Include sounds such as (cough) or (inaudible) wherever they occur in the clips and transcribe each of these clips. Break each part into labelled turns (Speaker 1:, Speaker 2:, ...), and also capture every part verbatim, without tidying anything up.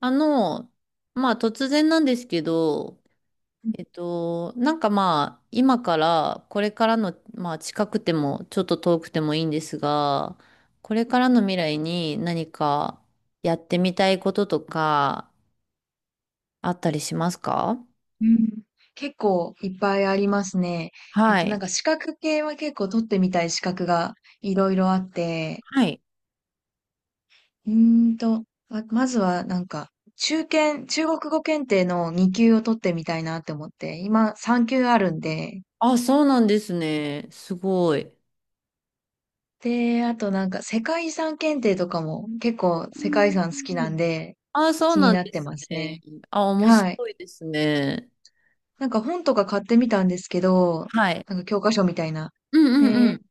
Speaker 1: あの、まあ突然なんですけど、えっと、なんかまあ今からこれからの、まあ近くてもちょっと遠くてもいいんですが、これからの未来に何かやってみたいこととかあったりしますか？
Speaker 2: うん、結構いっぱいありますね。えっ
Speaker 1: は
Speaker 2: と、なん
Speaker 1: い。
Speaker 2: か資格系は結構取ってみたい資格がいろいろあって、
Speaker 1: はい。
Speaker 2: うーんと、ま、まずはなんか、中堅、中国語検定のに級を取ってみたいなって思って、今さん級あるんで、
Speaker 1: あ、そうなんですね。すごい。
Speaker 2: で、あとなんか世界遺産検定とかも結構
Speaker 1: う
Speaker 2: 世界遺産好きなん
Speaker 1: ん。
Speaker 2: で
Speaker 1: あ、そう
Speaker 2: 気に
Speaker 1: なん
Speaker 2: なっ
Speaker 1: で
Speaker 2: て
Speaker 1: す
Speaker 2: ます
Speaker 1: ね。
Speaker 2: ね。
Speaker 1: あ、面
Speaker 2: はい。
Speaker 1: 白いですね。
Speaker 2: なんか本とか買ってみたんですけど、
Speaker 1: はい。
Speaker 2: なんか教科書みたいな。
Speaker 1: うんうんうん。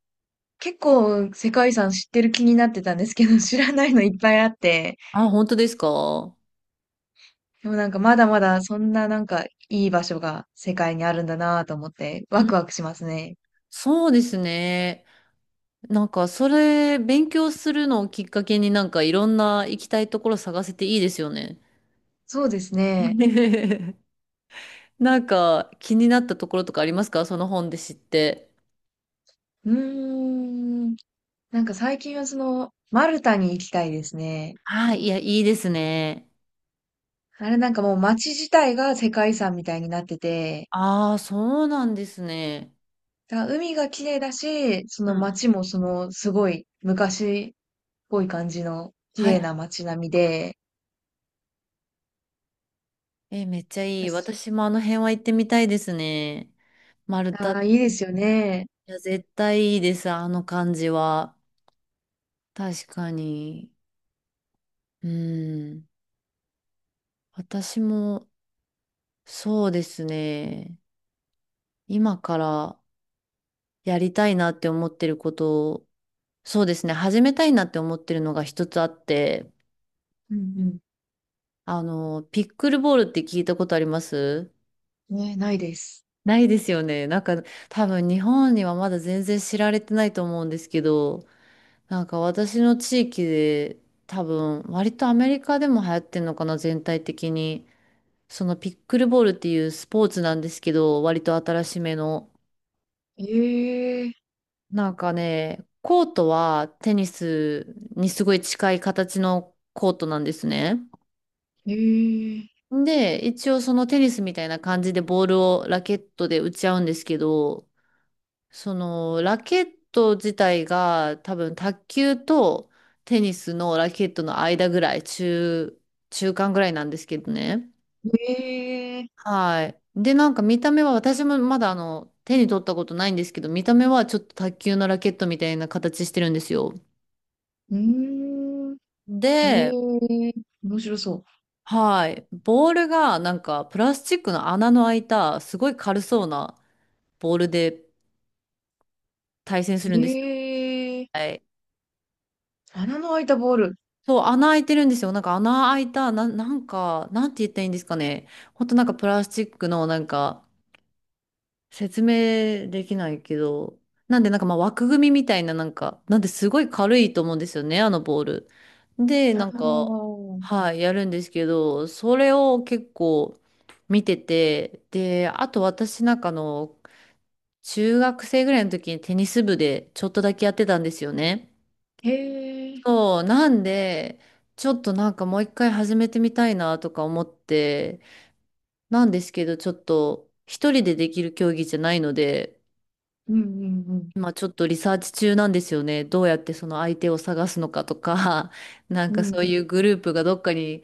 Speaker 2: 結構世界遺産知ってる気になってたんですけど、(laughs) 知らないのいっぱいあって、
Speaker 1: あ、本当ですか？
Speaker 2: でもなんかまだまだそんななんかいい場所が世界にあるんだなぁと思ってワクワクしますね。
Speaker 1: そうですね。なんか、それ、勉強するのをきっかけになんかいろんな行きたいところ探せていいですよね。
Speaker 2: そうですね。
Speaker 1: (laughs) なんか、気になったところとかありますか、その本で知って。
Speaker 2: うーん。なんか最近はその、マルタに行きたいですね。
Speaker 1: はい、いや、いいですね。
Speaker 2: あれなんかもう街自体が世界遺産みたいになってて、
Speaker 1: ああ、そうなんですね。
Speaker 2: だから海が綺麗だし、そ
Speaker 1: う
Speaker 2: の
Speaker 1: ん。
Speaker 2: 街もそのすごい昔っぽい感じの綺
Speaker 1: は
Speaker 2: 麗
Speaker 1: い。
Speaker 2: な街並みで、
Speaker 1: え、めっちゃいい。私もあの辺は行ってみたいですね。丸太。
Speaker 2: あ
Speaker 1: い
Speaker 2: あ、いいですよね。
Speaker 1: や、絶対いいです、あの感じは。確かに。うん。私も、そうですね、今からやりたいなって思ってることを、そうですね、始めたいなって思ってるのがひとつあって、
Speaker 2: うん
Speaker 1: あの、ピックルボールって聞いたことあります？
Speaker 2: うん。ね、ないです。
Speaker 1: ないですよね。なんか多分日本にはまだ全然知られてないと思うんですけど、なんか私の地域で多分割とアメリカでも流行ってんのかな、全体的に。そのピックルボールっていうスポーツなんですけど、割と新しめの。
Speaker 2: ええ、
Speaker 1: なんかね、コートはテニスにすごい近い形のコートなんですね。
Speaker 2: ええ、
Speaker 1: で、一応そのテニスみたいな感じでボールをラケットで打ち合うんですけど、そのラケット自体が多分卓球とテニスのラケットの間ぐらい、中、中間ぐらいなんですけどね。
Speaker 2: ええ、
Speaker 1: はい。で、なんか見た目は私もまだあの手に取ったことないんですけど、見た目はちょっと卓球のラケットみたいな形してるんですよ。
Speaker 2: うーん、
Speaker 1: で、
Speaker 2: ええ、面白そ
Speaker 1: はい。ボールがなんかプラスチックの穴の開いたすごい軽そうなボールで対戦す
Speaker 2: う。
Speaker 1: るんですよ。
Speaker 2: ええ、
Speaker 1: はい。
Speaker 2: 穴の開いたボール。
Speaker 1: そう、穴開いてるんですよ。なんか穴開いた、な、なんか、なんて言ったらいいんですかね。ほんとなんかプラスチックのなんか説明できないけど。なんでなんかまあ枠組みみたいななんか、なんですごい軽いと思うんですよね、あのボール。で、
Speaker 2: あ
Speaker 1: なん
Speaker 2: あ、
Speaker 1: か、はい、やるんですけど、それを結構見てて、で、あと私なんかあの、中学生ぐらいの時にテニス部でちょっとだけやってたんですよね。
Speaker 2: へえ、
Speaker 1: そう、なんで、ちょっとなんかもう一回始めてみたいなとか思って、なんですけど、ちょっと一人でできる競技じゃないので、
Speaker 2: うんうん
Speaker 1: 今ちょっとリサーチ中なんですよね。どうやってその相手を探すのかとか、(laughs) なん
Speaker 2: う
Speaker 1: か
Speaker 2: ん。
Speaker 1: そう
Speaker 2: う
Speaker 1: い
Speaker 2: ん
Speaker 1: うグループがどっかに、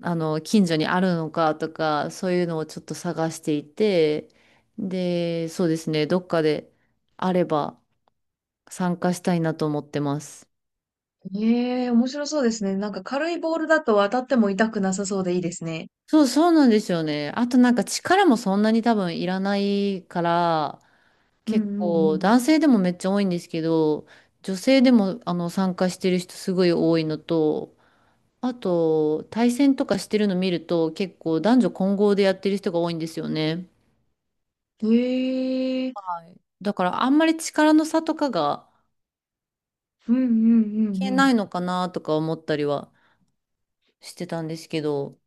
Speaker 1: あの、近所にあるのかとか、そういうのをちょっと探していて、で、そうですね、どっかであれば、参加したいなと思ってます。
Speaker 2: うん。ええ、面白そうですね。なんか軽いボールだと当たっても痛くなさそうでいいですね。
Speaker 1: そう、そうなんですよね。あとなんか力もそんなに多分いらないから、
Speaker 2: う
Speaker 1: 結
Speaker 2: んう
Speaker 1: 構
Speaker 2: ん
Speaker 1: 男性でもめっちゃ多いんですけど、女性でもあの参加してる人すごい多いのと、あと対戦とかしてるの見ると結構男女混合でやってる人が多いんですよね。
Speaker 2: うん。ええ、
Speaker 1: はい。だからあんまり力の差とかが
Speaker 2: うんうんうん
Speaker 1: 消え
Speaker 2: うん。
Speaker 1: ないのかなとか思ったりはしてたんですけど、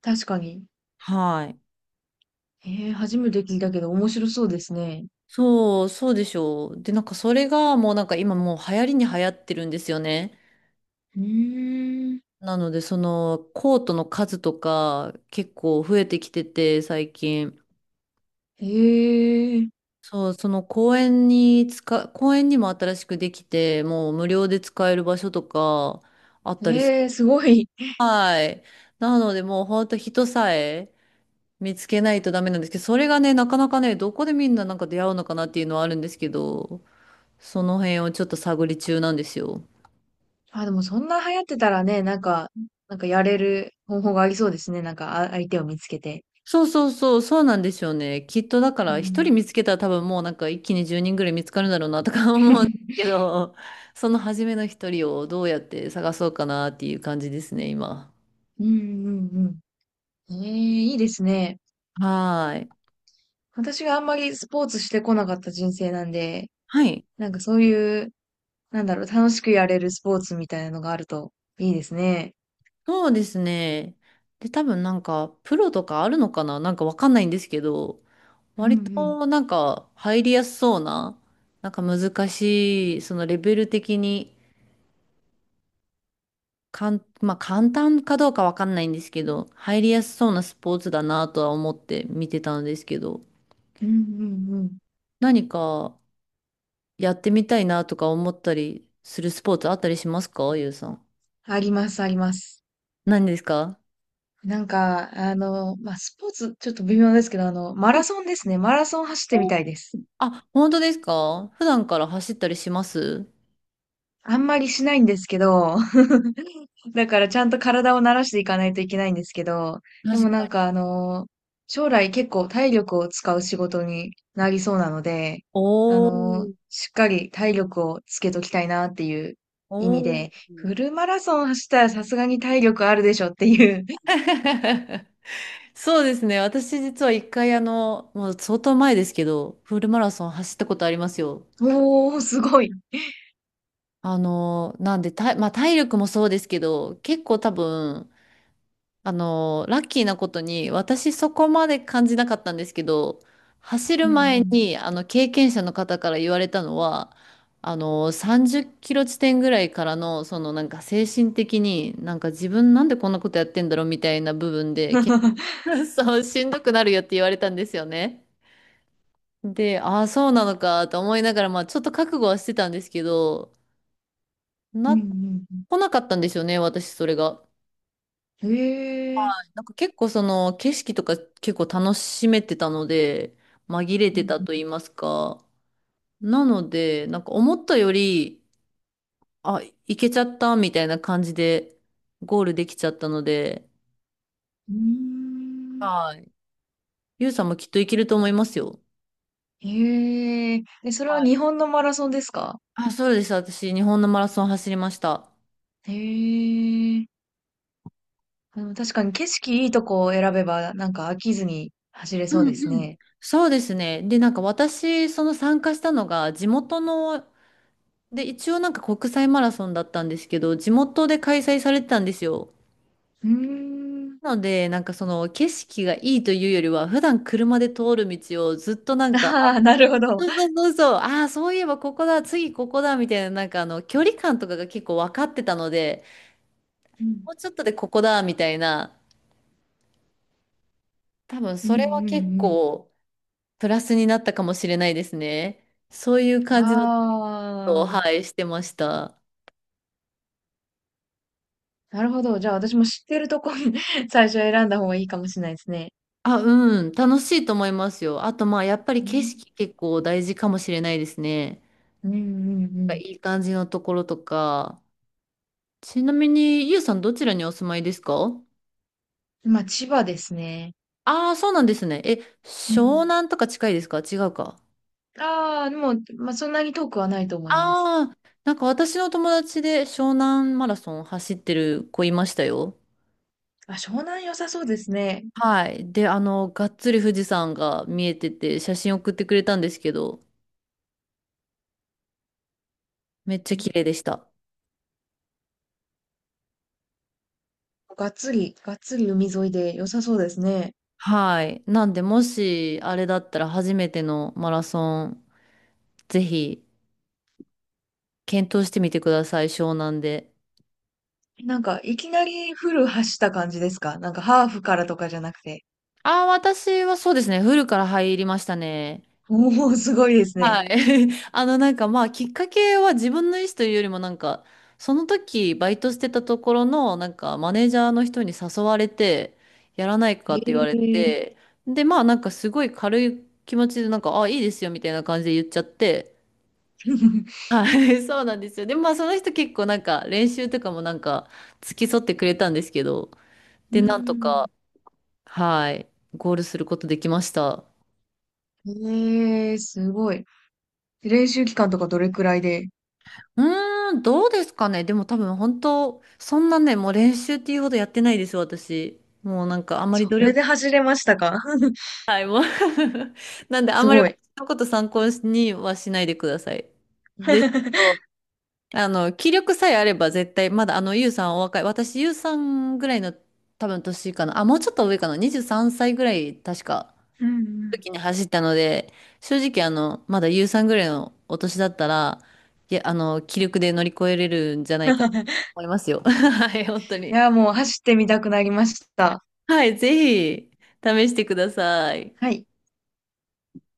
Speaker 2: 確かに。
Speaker 1: はい。
Speaker 2: ええ、初めて聞いたけど面白そうですね。
Speaker 1: そう、そうでしょう。で、なんかそれがもうなんか今もう流行りに流行ってるんですよね。
Speaker 2: うーん。
Speaker 1: なので、そのコートの数とか結構増えてきてて、最近。
Speaker 2: へえ、
Speaker 1: そう、その公園に使、公園にも新しくできて、もう無料で使える場所とかあったりする。
Speaker 2: ええ、すごい。
Speaker 1: はい。なので、もう本当人さえ見つけないとダメなんですけど、それがね、なかなかね、どこでみんななんか出会うのかなっていうのはあるんですけど、その辺をちょっと探り中なんですよ。
Speaker 2: (laughs) あ、でもそんな流行ってたらね、なんか、なんかやれる方法がありそうですね。なんか、あ、相手を見つけて。
Speaker 1: そうそうそう、そうなんですよね。きっとだか
Speaker 2: う
Speaker 1: ら一人
Speaker 2: ん。
Speaker 1: 見つけたら多分もうなんか一気にじゅうにんぐらい見つかるんだろうなとか (laughs) 思うんです
Speaker 2: (laughs)
Speaker 1: けど、その初めの一人をどうやって探そうかなっていう感じですね、今。
Speaker 2: うんうんうん。ええ、いいですね。
Speaker 1: はーい。
Speaker 2: 私があんまりスポーツしてこなかった人生なんで、
Speaker 1: はい。
Speaker 2: なんかそういう、なんだろう、楽しくやれるスポーツみたいなのがあるといいですね。
Speaker 1: そうですね。で、多分なんかプロとかあるのかななんかわかんないんですけど、
Speaker 2: うんう
Speaker 1: 割
Speaker 2: ん。
Speaker 1: となんか入りやすそうな、なんか難しい、そのレベル的に。かん、まあ、簡単かどうかわかんないんですけど、入りやすそうなスポーツだなとは思って見てたんですけど、
Speaker 2: うんうんうん。
Speaker 1: 何かやってみたいなとか思ったりするスポーツあったりしますか、ゆうさん。
Speaker 2: あります、あります。
Speaker 1: 何ですか？
Speaker 2: なんか、あの、まあ、スポーツ、ちょっと微妙ですけど、あの、マ
Speaker 1: う
Speaker 2: ラ
Speaker 1: ん。
Speaker 2: ソンですね。マラソン走ってみ
Speaker 1: お。
Speaker 2: たいです。
Speaker 1: あ、本当ですか？普段から走ったりします？
Speaker 2: あんまりしないんですけど、(laughs) だからちゃんと体を慣らしていかないといけないんですけど、で
Speaker 1: 確
Speaker 2: も
Speaker 1: か
Speaker 2: なんか
Speaker 1: に。
Speaker 2: あの、将来結構体力を使う仕事になりそうなので、あ
Speaker 1: お
Speaker 2: の、
Speaker 1: ー。
Speaker 2: しっかり体力をつけときたいなっていう意味
Speaker 1: おー。
Speaker 2: で、フルマラソン走ったらさすがに体力あるでしょっていう、(laughs)
Speaker 1: (laughs) そうですね。私実は一回あの、もう相当前ですけど、フルマラソン走ったことありますよ。
Speaker 2: おー、すごい。
Speaker 1: あの、なんで、た、まあ、体力もそうですけど、結構多分、あの、ラッキーなことに、私そこまで感じなかったんですけど、走
Speaker 2: う
Speaker 1: る前
Speaker 2: ん
Speaker 1: に、あの、経験者の方から言われたのは、あの、さんじゅっキロ地点ぐらいからの、そのなんか精神的に、なんか自分なんでこんなことやってんだろうみたいな部分で、
Speaker 2: う
Speaker 1: 結
Speaker 2: ん。(laughs)
Speaker 1: 構 (laughs) そう、しんどくなるよって言われたんですよね。で、ああ、そうなのかと思いながら、まあ、ちょっと覚悟はしてたんですけど、な
Speaker 2: うんう
Speaker 1: っ
Speaker 2: ん
Speaker 1: 来なかったんですよね、私、それが。
Speaker 2: へえ。
Speaker 1: なんか結構その景色とか結構楽しめてたので、紛れ
Speaker 2: う
Speaker 1: てたと言
Speaker 2: ん。
Speaker 1: いますか。なので、なんか思ったより、あ、行けちゃったみたいな感じでゴールできちゃったので、
Speaker 2: うーん。
Speaker 1: はい。ゆうさんもきっと行けると思いますよ。
Speaker 2: へえ。え、それ
Speaker 1: は
Speaker 2: は
Speaker 1: い。
Speaker 2: 日本のマラソンですか？
Speaker 1: あ、そうです。私、日本のマラソン走りました。
Speaker 2: へえ。あの、確かに景色いいとこを選べば、なんか飽きずに走れ
Speaker 1: う
Speaker 2: そうで
Speaker 1: ん
Speaker 2: す
Speaker 1: うん。
Speaker 2: ね。
Speaker 1: そうですね。で、なんか私、その参加したのが、地元ので、一応なんか国際マラソンだったんですけど、地元で開催されてたんですよ。
Speaker 2: うーん。
Speaker 1: なので、なんかその景色がいいというよりは、普段車で通る道をずっとな
Speaker 2: (laughs)
Speaker 1: んか、あ、
Speaker 2: ああ、なるほど。
Speaker 1: そうそうそうそう、ああ、そういえばここだ、次ここだ、みたいな、なんかあの、距離感とかが結構分かってたので、
Speaker 2: うん。
Speaker 1: もうちょっとでここだ、みたいな、多分
Speaker 2: うん
Speaker 1: それは結
Speaker 2: うん
Speaker 1: 構プラスになったかもしれないですね。そういう
Speaker 2: うん。
Speaker 1: 感じのことを、
Speaker 2: ああ、
Speaker 1: はい、してました。
Speaker 2: なるほど。じゃあ私も知ってるとこ (laughs) 最初選んだ方がいいかもしれないですね。
Speaker 1: あ、うん、楽しいと思いますよ。あと、まあ、やっぱり
Speaker 2: う
Speaker 1: 景
Speaker 2: ん。
Speaker 1: 色結構大事かもしれないですね。
Speaker 2: うんう
Speaker 1: い
Speaker 2: ん
Speaker 1: い感じのところとか。ちなみに、ゆうさんどちらにお住まいですか？
Speaker 2: うん。まあ、千葉ですね。
Speaker 1: ああー、そうなんですね。え、
Speaker 2: う
Speaker 1: 湘
Speaker 2: ん。
Speaker 1: 南とか近いですか？違うか。
Speaker 2: ああ、でも、まあ、そんなに遠くはないと思います。
Speaker 1: ああ、なんか私の友達で湘南マラソン走ってる子いましたよ。
Speaker 2: あ、湘南良さそうですね。
Speaker 1: はい。で、あの、がっつり富士山が見えてて、写真送ってくれたんですけど、めっちゃ
Speaker 2: うん、
Speaker 1: 綺麗でした。
Speaker 2: がっつり、がっつり海沿いで良さそうですね。
Speaker 1: はい。なんで、もし、あれだったら初めてのマラソン、ぜひ、検討してみてください、湘南で。
Speaker 2: なんか、いきなりフル走った感じですか？なんか、ハーフからとかじゃなくて。
Speaker 1: ああ、私はそうですね、フルから入りましたね。
Speaker 2: おお、すごいですね。
Speaker 1: はい。(laughs) あの、なんかまあ、きっかけは自分の意思というよりも、なんか、その時、バイトしてたところの、なんか、マネージャーの人に誘われて、やらないかって言わ
Speaker 2: へ
Speaker 1: れ
Speaker 2: え。
Speaker 1: て、で、まあ、なんか、すごい軽い気持ちで、なんか、ああ、いいですよ、みたいな感じで言っちゃって、
Speaker 2: (laughs)
Speaker 1: はい、(laughs) そうなんですよ。でもまあその人結構なんか練習とかもなんか付き添ってくれたんですけど、
Speaker 2: う
Speaker 1: で、なんと
Speaker 2: ん。
Speaker 1: か、はい、ゴールすることできました。
Speaker 2: へえ、すごい。練習期間とかどれくらいで？
Speaker 1: うーん、どうですかね。でも多分本当、そんなね、もう練習っていうほどやってないです、私。もうなんかあんまり
Speaker 2: そ
Speaker 1: 努
Speaker 2: れ
Speaker 1: 力。
Speaker 2: で走れましたか？ (laughs)
Speaker 1: (laughs) なんであん
Speaker 2: す
Speaker 1: まり
Speaker 2: ごい。
Speaker 1: 私のこと参考にはしないでください。ですけ
Speaker 2: (laughs)
Speaker 1: ど、あの、気力さえあれば絶対、まだあの、ゆうさんお若い。私、ゆうさんぐらいの多分年かな。あ、もうちょっと上かな。にじゅうさんさいぐらい、確か、
Speaker 2: うん
Speaker 1: 時に走ったので、正直あの、まだゆうさんぐらいのお年だったら、いや、あの、気力で乗り越えれるんじゃな
Speaker 2: う
Speaker 1: いかと
Speaker 2: ん。(laughs)
Speaker 1: 思いますよ。(laughs) はい、本当
Speaker 2: い
Speaker 1: に。
Speaker 2: や、もう走ってみたくなりました。
Speaker 1: はい、ぜひ、試してください。
Speaker 2: はい。